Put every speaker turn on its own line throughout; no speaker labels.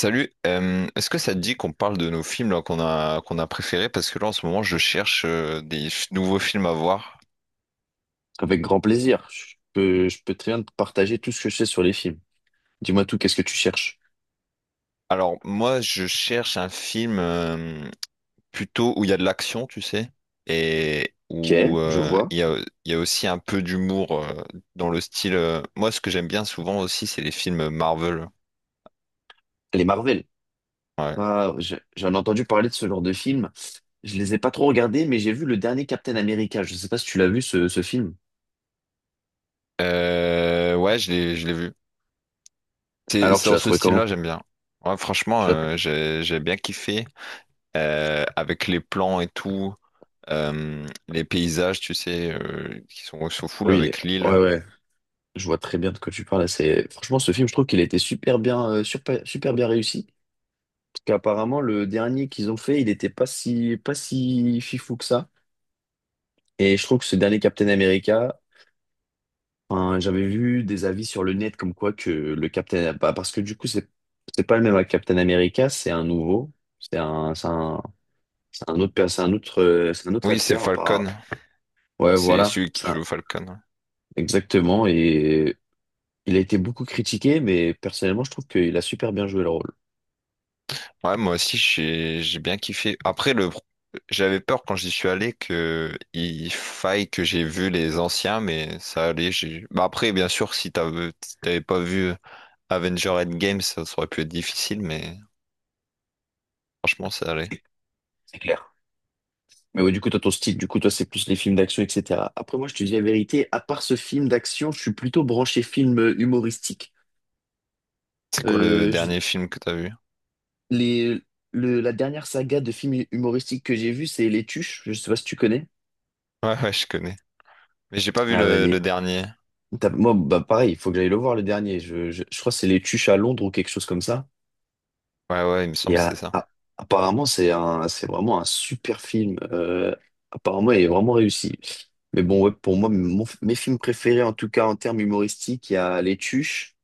Salut, est-ce que ça te dit qu'on parle de nos films là, qu'on a préférés? Parce que là en ce moment je cherche nouveaux films à voir.
Avec grand plaisir. Je peux très bien te partager tout ce que je sais sur les films. Dis-moi tout, qu'est-ce que tu cherches?
Alors moi je cherche un film plutôt où il y a de l'action, tu sais, et
Ok,
où
je vois.
il y a aussi un peu d'humour dans le style. Moi ce que j'aime bien souvent aussi c'est les films Marvel.
Les Marvel.
Ouais.
Ah, j'en ai entendu parler de ce genre de film. Je les ai pas trop regardés, mais j'ai vu le dernier Captain America. Je sais pas si tu l'as vu, ce film.
Ouais je l'ai vu. C'est
Alors,
c'est
tu
dans
l'as
ce
trouvé
style-là,
comment?
j'aime bien. Ouais, franchement,
Tu l'as-
j'ai bien kiffé, avec les plans et tout. Les paysages, tu sais, qui sont au full avec l'île.
Ouais, ouais. Je vois très bien de quoi tu parles. C'est... Franchement, ce film, je trouve qu'il a été super bien, super, super bien réussi. Parce qu'apparemment, le dernier qu'ils ont fait, il était pas si fifou que ça. Et je trouve que ce dernier Captain America, enfin, j'avais vu des avis sur le net comme quoi que le Captain, bah, parce que du coup c'est pas le même avec Captain America, c'est un nouveau, c'est un c'est un c'est un c'est un autre
Oui, c'est
acteur à
Falcon.
part. Ouais,
C'est
voilà,
celui qui
ça
joue Falcon.
exactement. Et il a été beaucoup critiqué, mais personnellement, je trouve qu'il a super bien joué le rôle.
Ouais, moi aussi, j'ai bien kiffé. Après, j'avais peur quand j'y suis allé que il faille que j'ai vu les anciens, mais ça allait. Bah après, bien sûr, si t'avais pas vu Avenger Endgame, ça aurait pu être difficile, mais franchement, ça allait.
C'est clair. Mais ouais, du coup, toi, ton style, du coup, toi, c'est plus les films d'action, etc. Après, moi, je te dis la vérité, à part ce film d'action, je suis plutôt branché film humoristique.
C'est quoi le
Euh, je
dernier film que t'as vu?
les, la dernière saga de films humoristiques que j'ai vu, c'est Les Tuches. Je sais pas si tu connais.
Ouais, ouais, je connais. Mais j'ai pas vu
Ah bah,
le
les...
dernier.
Moi, bah, pareil, il faut que j'aille le voir le dernier. Je crois que c'est Les Tuches à Londres ou quelque chose comme ça.
Ouais, ouais, il me semble
Et
que c'est ça.
apparemment, c'est vraiment un super film. Apparemment, il est vraiment réussi. Mais bon, ouais, pour moi, mes films préférés, en tout cas en termes humoristiques, il y a Les Tuches.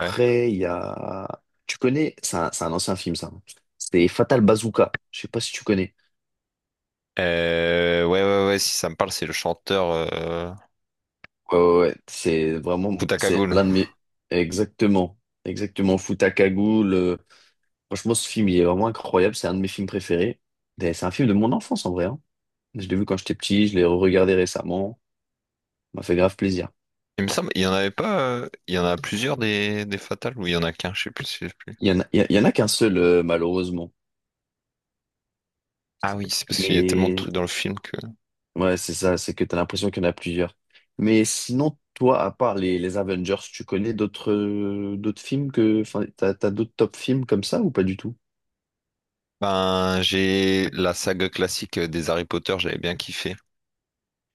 Ouais.
il y a... Tu connais? C'est un ancien film, ça. C'est Fatal Bazooka. Je sais pas si tu connais.
Ouais, ouais, ouais, si ça me parle, c'est le chanteur,
Ouais, ouais, ouais. C'est vraiment,
Futaka
c'est
Goul.
l'un de mes, exactement, exactement, Futakagu, le, franchement, ce film, il est vraiment incroyable, c'est un de mes films préférés. Et c'est un film de mon enfance, en vrai, hein. Je l'ai vu quand j'étais petit, je l'ai regardé récemment, ça m'a fait grave plaisir.
Il me semble, il y en avait pas, il y en a plusieurs des, Fatales, ou il y en a qu'un, je sais plus.
Il y en a, il y en a qu'un seul, malheureusement.
Ah oui, c'est parce qu'il y a tellement de
Mais,
trucs dans le film que.
ouais, c'est ça, c'est que t'as l'impression qu'il y en a plusieurs. Mais sinon, toi, à part les Avengers, tu connais d'autres, d'autres films que, enfin, t'as d'autres top films comme ça ou pas du tout?
Ben, j'ai la saga classique des Harry Potter, j'avais bien kiffé.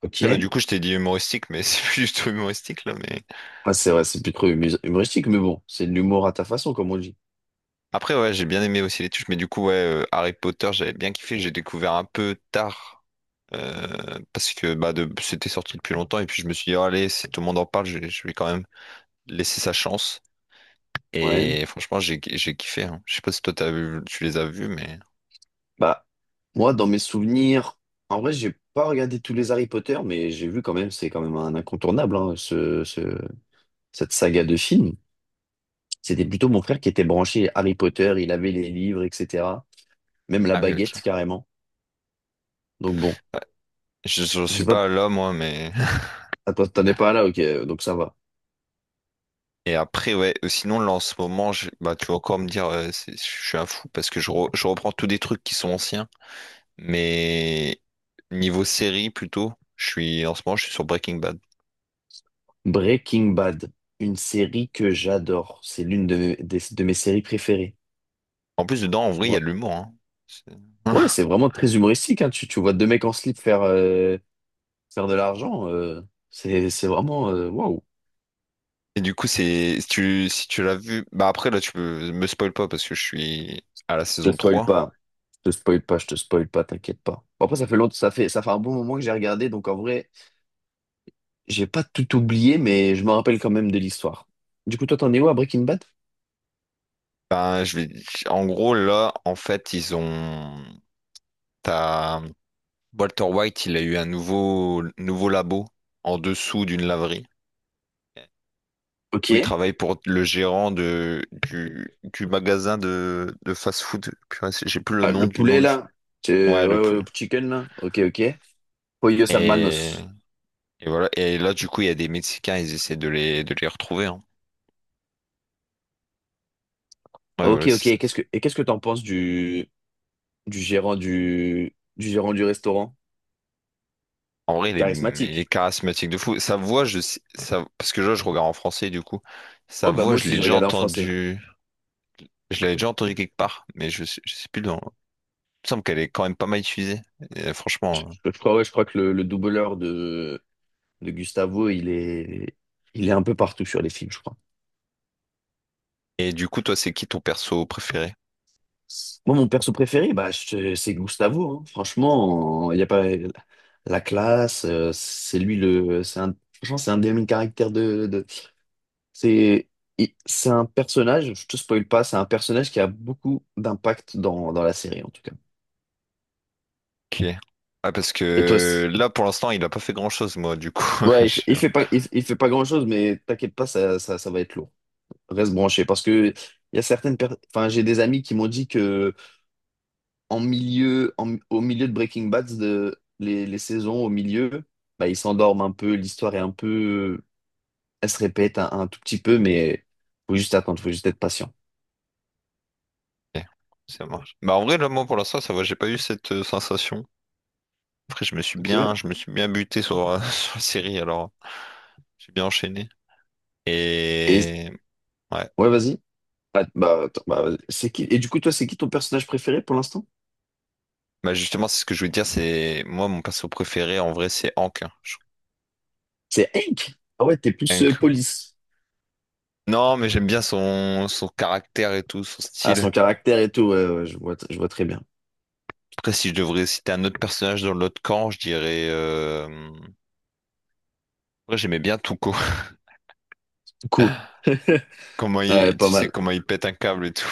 Ok.
Là, du coup, je t'ai dit humoristique, mais c'est plus du tout humoristique, là, mais.
Ah, c'est vrai, c'est plus trop humoristique, mais bon, c'est de l'humour à ta façon, comme on dit.
Après, ouais, j'ai bien aimé aussi les touches, mais du coup, ouais, Harry Potter, j'avais bien kiffé. J'ai découvert un peu tard, parce que bah, de, c'était sorti depuis longtemps. Et puis, je me suis dit, oh, allez, si tout le monde en parle, je vais quand même laisser sa chance.
Ouais.
Et franchement, j'ai kiffé, hein. Je sais pas si toi, t'as vu, tu les as vus, mais.
Bah, moi, dans mes souvenirs, en vrai, j'ai pas regardé tous les Harry Potter, mais j'ai vu quand même, c'est quand même un incontournable, hein, cette saga de films. C'était plutôt mon frère qui était branché Harry Potter, il avait les livres, etc. Même la
Ah oui,
baguette,
ok.
carrément. Donc bon,
Ouais. Je
je
suis
sais pas,
pas l'homme, moi, mais.
attends, t'en es pas là, ok, donc ça va.
Et après, ouais, sinon, là, en ce moment, bah, tu vas encore me dire, je suis un fou parce que je reprends tous des trucs qui sont anciens. Mais niveau série plutôt, je suis sur Breaking Bad.
Breaking Bad, une série que j'adore. C'est l'une de de mes séries préférées.
En plus dedans en vrai il y a de l'humour, hein. C'est-
Ouais, c'est vraiment très humoristique, hein. Tu vois deux mecs en slip faire, faire de l'argent. C'est vraiment, waouh.
Et du coup, c'est si tu l'as vu, bah après là tu peux me spoil pas parce que je suis à la
Je te
saison
spoil
trois.
pas. Je te spoil pas, t'inquiète pas. Bon, après, ça fait longtemps, ça fait un bon moment que j'ai regardé, donc en vrai, j'ai pas tout oublié, mais je me rappelle quand même de l'histoire. Du coup, toi, t'en es où à Breaking Bad?
Ben je vais en gros là en fait ils ont t'as Walter White, il a eu un nouveau labo en dessous d'une laverie,
Ok.
où il travaille pour le gérant du magasin de fast-food. Purée, c'est- J'ai plus le
Ah,
nom
le poulet,
du.
là. Ouais,
Ouais, le
ouais, le
poule.
chicken, là. Ok, ok. Pollos
Et,
Hermanos.
et voilà. Et là, du coup, il y a des Mexicains, ils essaient de de les retrouver, hein. Ouais, voilà,
Ok,
c'est
ok.
ça.
Et
C'est-
et qu'est-ce que t'en penses du gérant du gérant du restaurant?
En vrai, il est
Charismatique.
charismatique de fou. Sa voix, ça, parce que là, je regarde en français, du coup. Sa
Oh bah
voix,
moi
je
aussi,
l'ai
je
déjà
regardais en français.
entendu. Je l'avais déjà entendu quelque part, mais je sais plus. Dans. Me semble qu'elle est quand même pas mal utilisée, et franchement, hein.
Je crois, ouais, je crois que le doubleur de Gustavo, il est un peu partout sur les films, je crois.
Et du coup, toi, c'est qui ton perso préféré?
Moi, mon perso préféré, bah, c'est Gustavo. Hein. Franchement, il n'y a pas la classe. C'est lui le. C'est un, franchement, c'est un des meilleurs caractères c'est c'est un personnage, je te spoil pas, c'est un personnage qui a beaucoup d'impact dans la série, en tout cas.
Qui est? Ah, parce
Et toi, c'est-
que là, pour l'instant, il a pas fait grand-chose, moi, du coup. Je
ouais,
suis... ok,
il fait pas grand-chose, mais t'inquiète pas, ça va être lourd. Reste branché parce que il y a certaines personnes enfin j'ai des amis qui m'ont dit que au milieu de les saisons au milieu bah ils s'endorment un peu l'histoire est un peu elle se répète un tout petit peu mais faut juste attendre faut juste être patient
ça marche. Bah, en vrai, là, moi, pour l'instant, ça va, j'ai pas eu cette, sensation. Après,
ok
je me suis bien buté sur, sur la série, alors j'ai bien enchaîné.
et
Et ouais,
ouais vas-y vas-y. C'est qui et du coup toi c'est qui ton personnage préféré pour l'instant
bah justement, c'est ce que je voulais dire, c'est moi, mon perso préféré, en vrai, c'est Hank, hein. Je- trouve
c'est Hank ah ouais t'es plus
Hank.
police
Non, mais j'aime bien son... son caractère et tout, son
ah son
style.
caractère et tout ouais, ouais, je vois très bien
Après, si je devrais citer un autre personnage dans l'autre camp, je dirais, après, j'aimais bien Tuco.
cool
Comment
ouais,
il, tu
pas
sais
mal
comment il pète un câble et tout.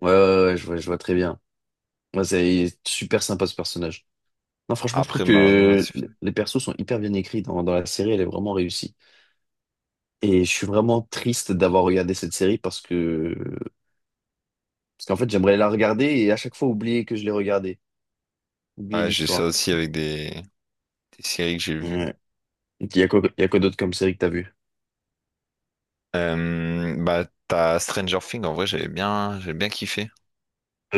ouais, ouais, ouais, je vois très bien. Ouais, c'est super sympa ce personnage. Non, franchement, je trouve
Après, malheureusement, là,
que
c'est fini.
les persos sont hyper bien écrits dans la série, elle est vraiment réussie. Et je suis vraiment triste d'avoir regardé cette série parce qu'en fait, j'aimerais la regarder et à chaque fois oublier que je l'ai regardée, oublier
Ouais, j'ai ça
l'histoire.
aussi avec des séries que j'ai vues.
Ouais. Il y a quoi d'autre comme série que t'as vu?
Bah, t'as Stranger Things, en vrai, j'ai bien kiffé.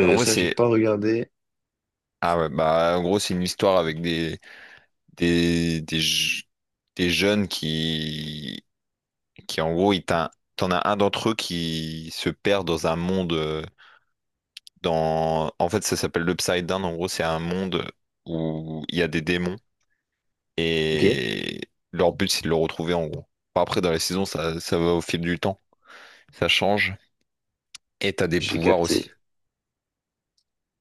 En vrai,
Ça, j'ai
c'est,
pas regardé.
ah ouais, bah, en gros, c'est une histoire avec des, je- des jeunes qui, en gros, t'en as un d'entre eux qui se perd dans un monde. Dans... En fait, ça s'appelle l'Upside Down. En gros, c'est un monde où il y a des démons,
Ok,
et leur but, c'est de le retrouver en gros. Enfin, après, dans les saisons, ça va au fil du temps. Ça change. Et t'as des
j'ai
pouvoirs aussi.
capté.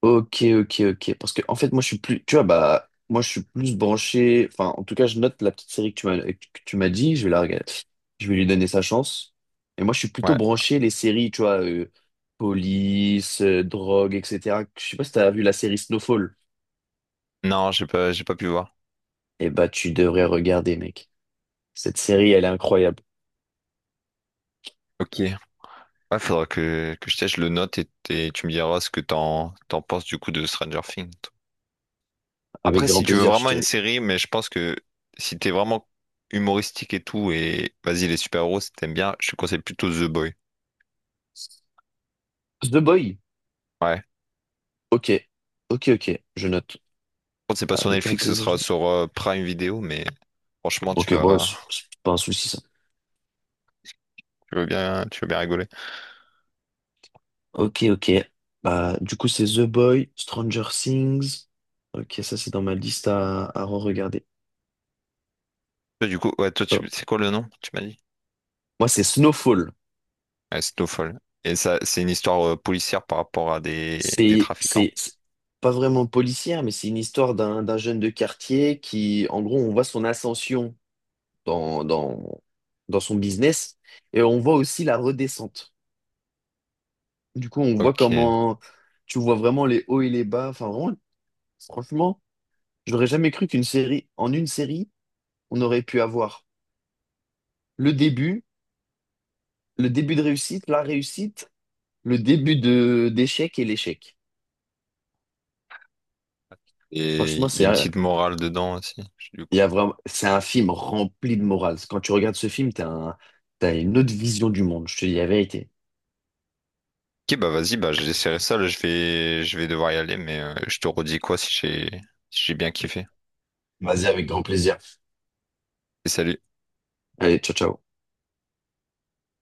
Ok, ok, ok. Parce que, en fait, moi, je suis plus, tu vois, bah, moi, je suis plus branché. Enfin, en tout cas, je note la petite série que tu m'as dit. Je vais la regarder. Je vais lui donner sa chance. Et moi, je suis plutôt
Ouais.
branché les séries, tu vois, police, drogue, etc. Je sais pas si t'as vu la série Snowfall.
Non, j'ai pas pu voir.
Eh bah, tu devrais regarder, mec. Cette série, elle est incroyable.
Ok. Ouais, faudra que je teste, je le note, et tu me diras ce que t'en penses du coup de Stranger Things.
Avec
Après, si
grand
tu veux
plaisir, je
vraiment une
te.
série, mais je pense que si t'es vraiment humoristique et tout, et vas-y, les super-héros, si t'aimes bien, je te conseille plutôt The Boy.
The Boy.
Ouais.
Ok, ok, ok. Je note.
Contre, c'est pas sur
Avec grand
Netflix, ce
plaisir. Je
sera
note.
sur Prime Video, mais franchement,
Ok, bon, c'est pas un souci, ça.
tu veux bien rigoler.
Ok, ok. Bah, du coup, c'est The Boy, Stranger Things. Ok, ça, c'est dans ma liste à re-regarder.
Toi, du coup, ouais, toi, tu-
Hop.
c'est quoi le nom, tu m'as dit?
Moi, c'est Snowfall.
Ouais, Snowfall. Et ça, c'est une histoire, policière par rapport à des trafiquants.
C'est pas vraiment policière, mais c'est une histoire d'un jeune de quartier qui, en gros, on voit son ascension dans, dans, dans son business et on voit aussi la redescente. Du coup, on voit
Ok. Et
comment tu vois vraiment les hauts et les bas. Enfin, vraiment, franchement, j'aurais jamais cru qu'une série, en une série, on aurait pu avoir le début le début de réussite, la réussite, le début de d'échec et l'échec. Franchement,
il y a une petite morale dedans aussi, du
il y
coup.
a vraiment, c'est un film rempli de morale. Quand tu regardes ce film, t'as une autre vision du monde, je te dis la vérité.
Ok, bah vas-y, bah j'essaierai ça, là, je vais devoir y aller, mais je te redis quoi si si j'ai bien kiffé.
Vas-y, avec grand plaisir.
Et salut.
Allez, ciao, ciao.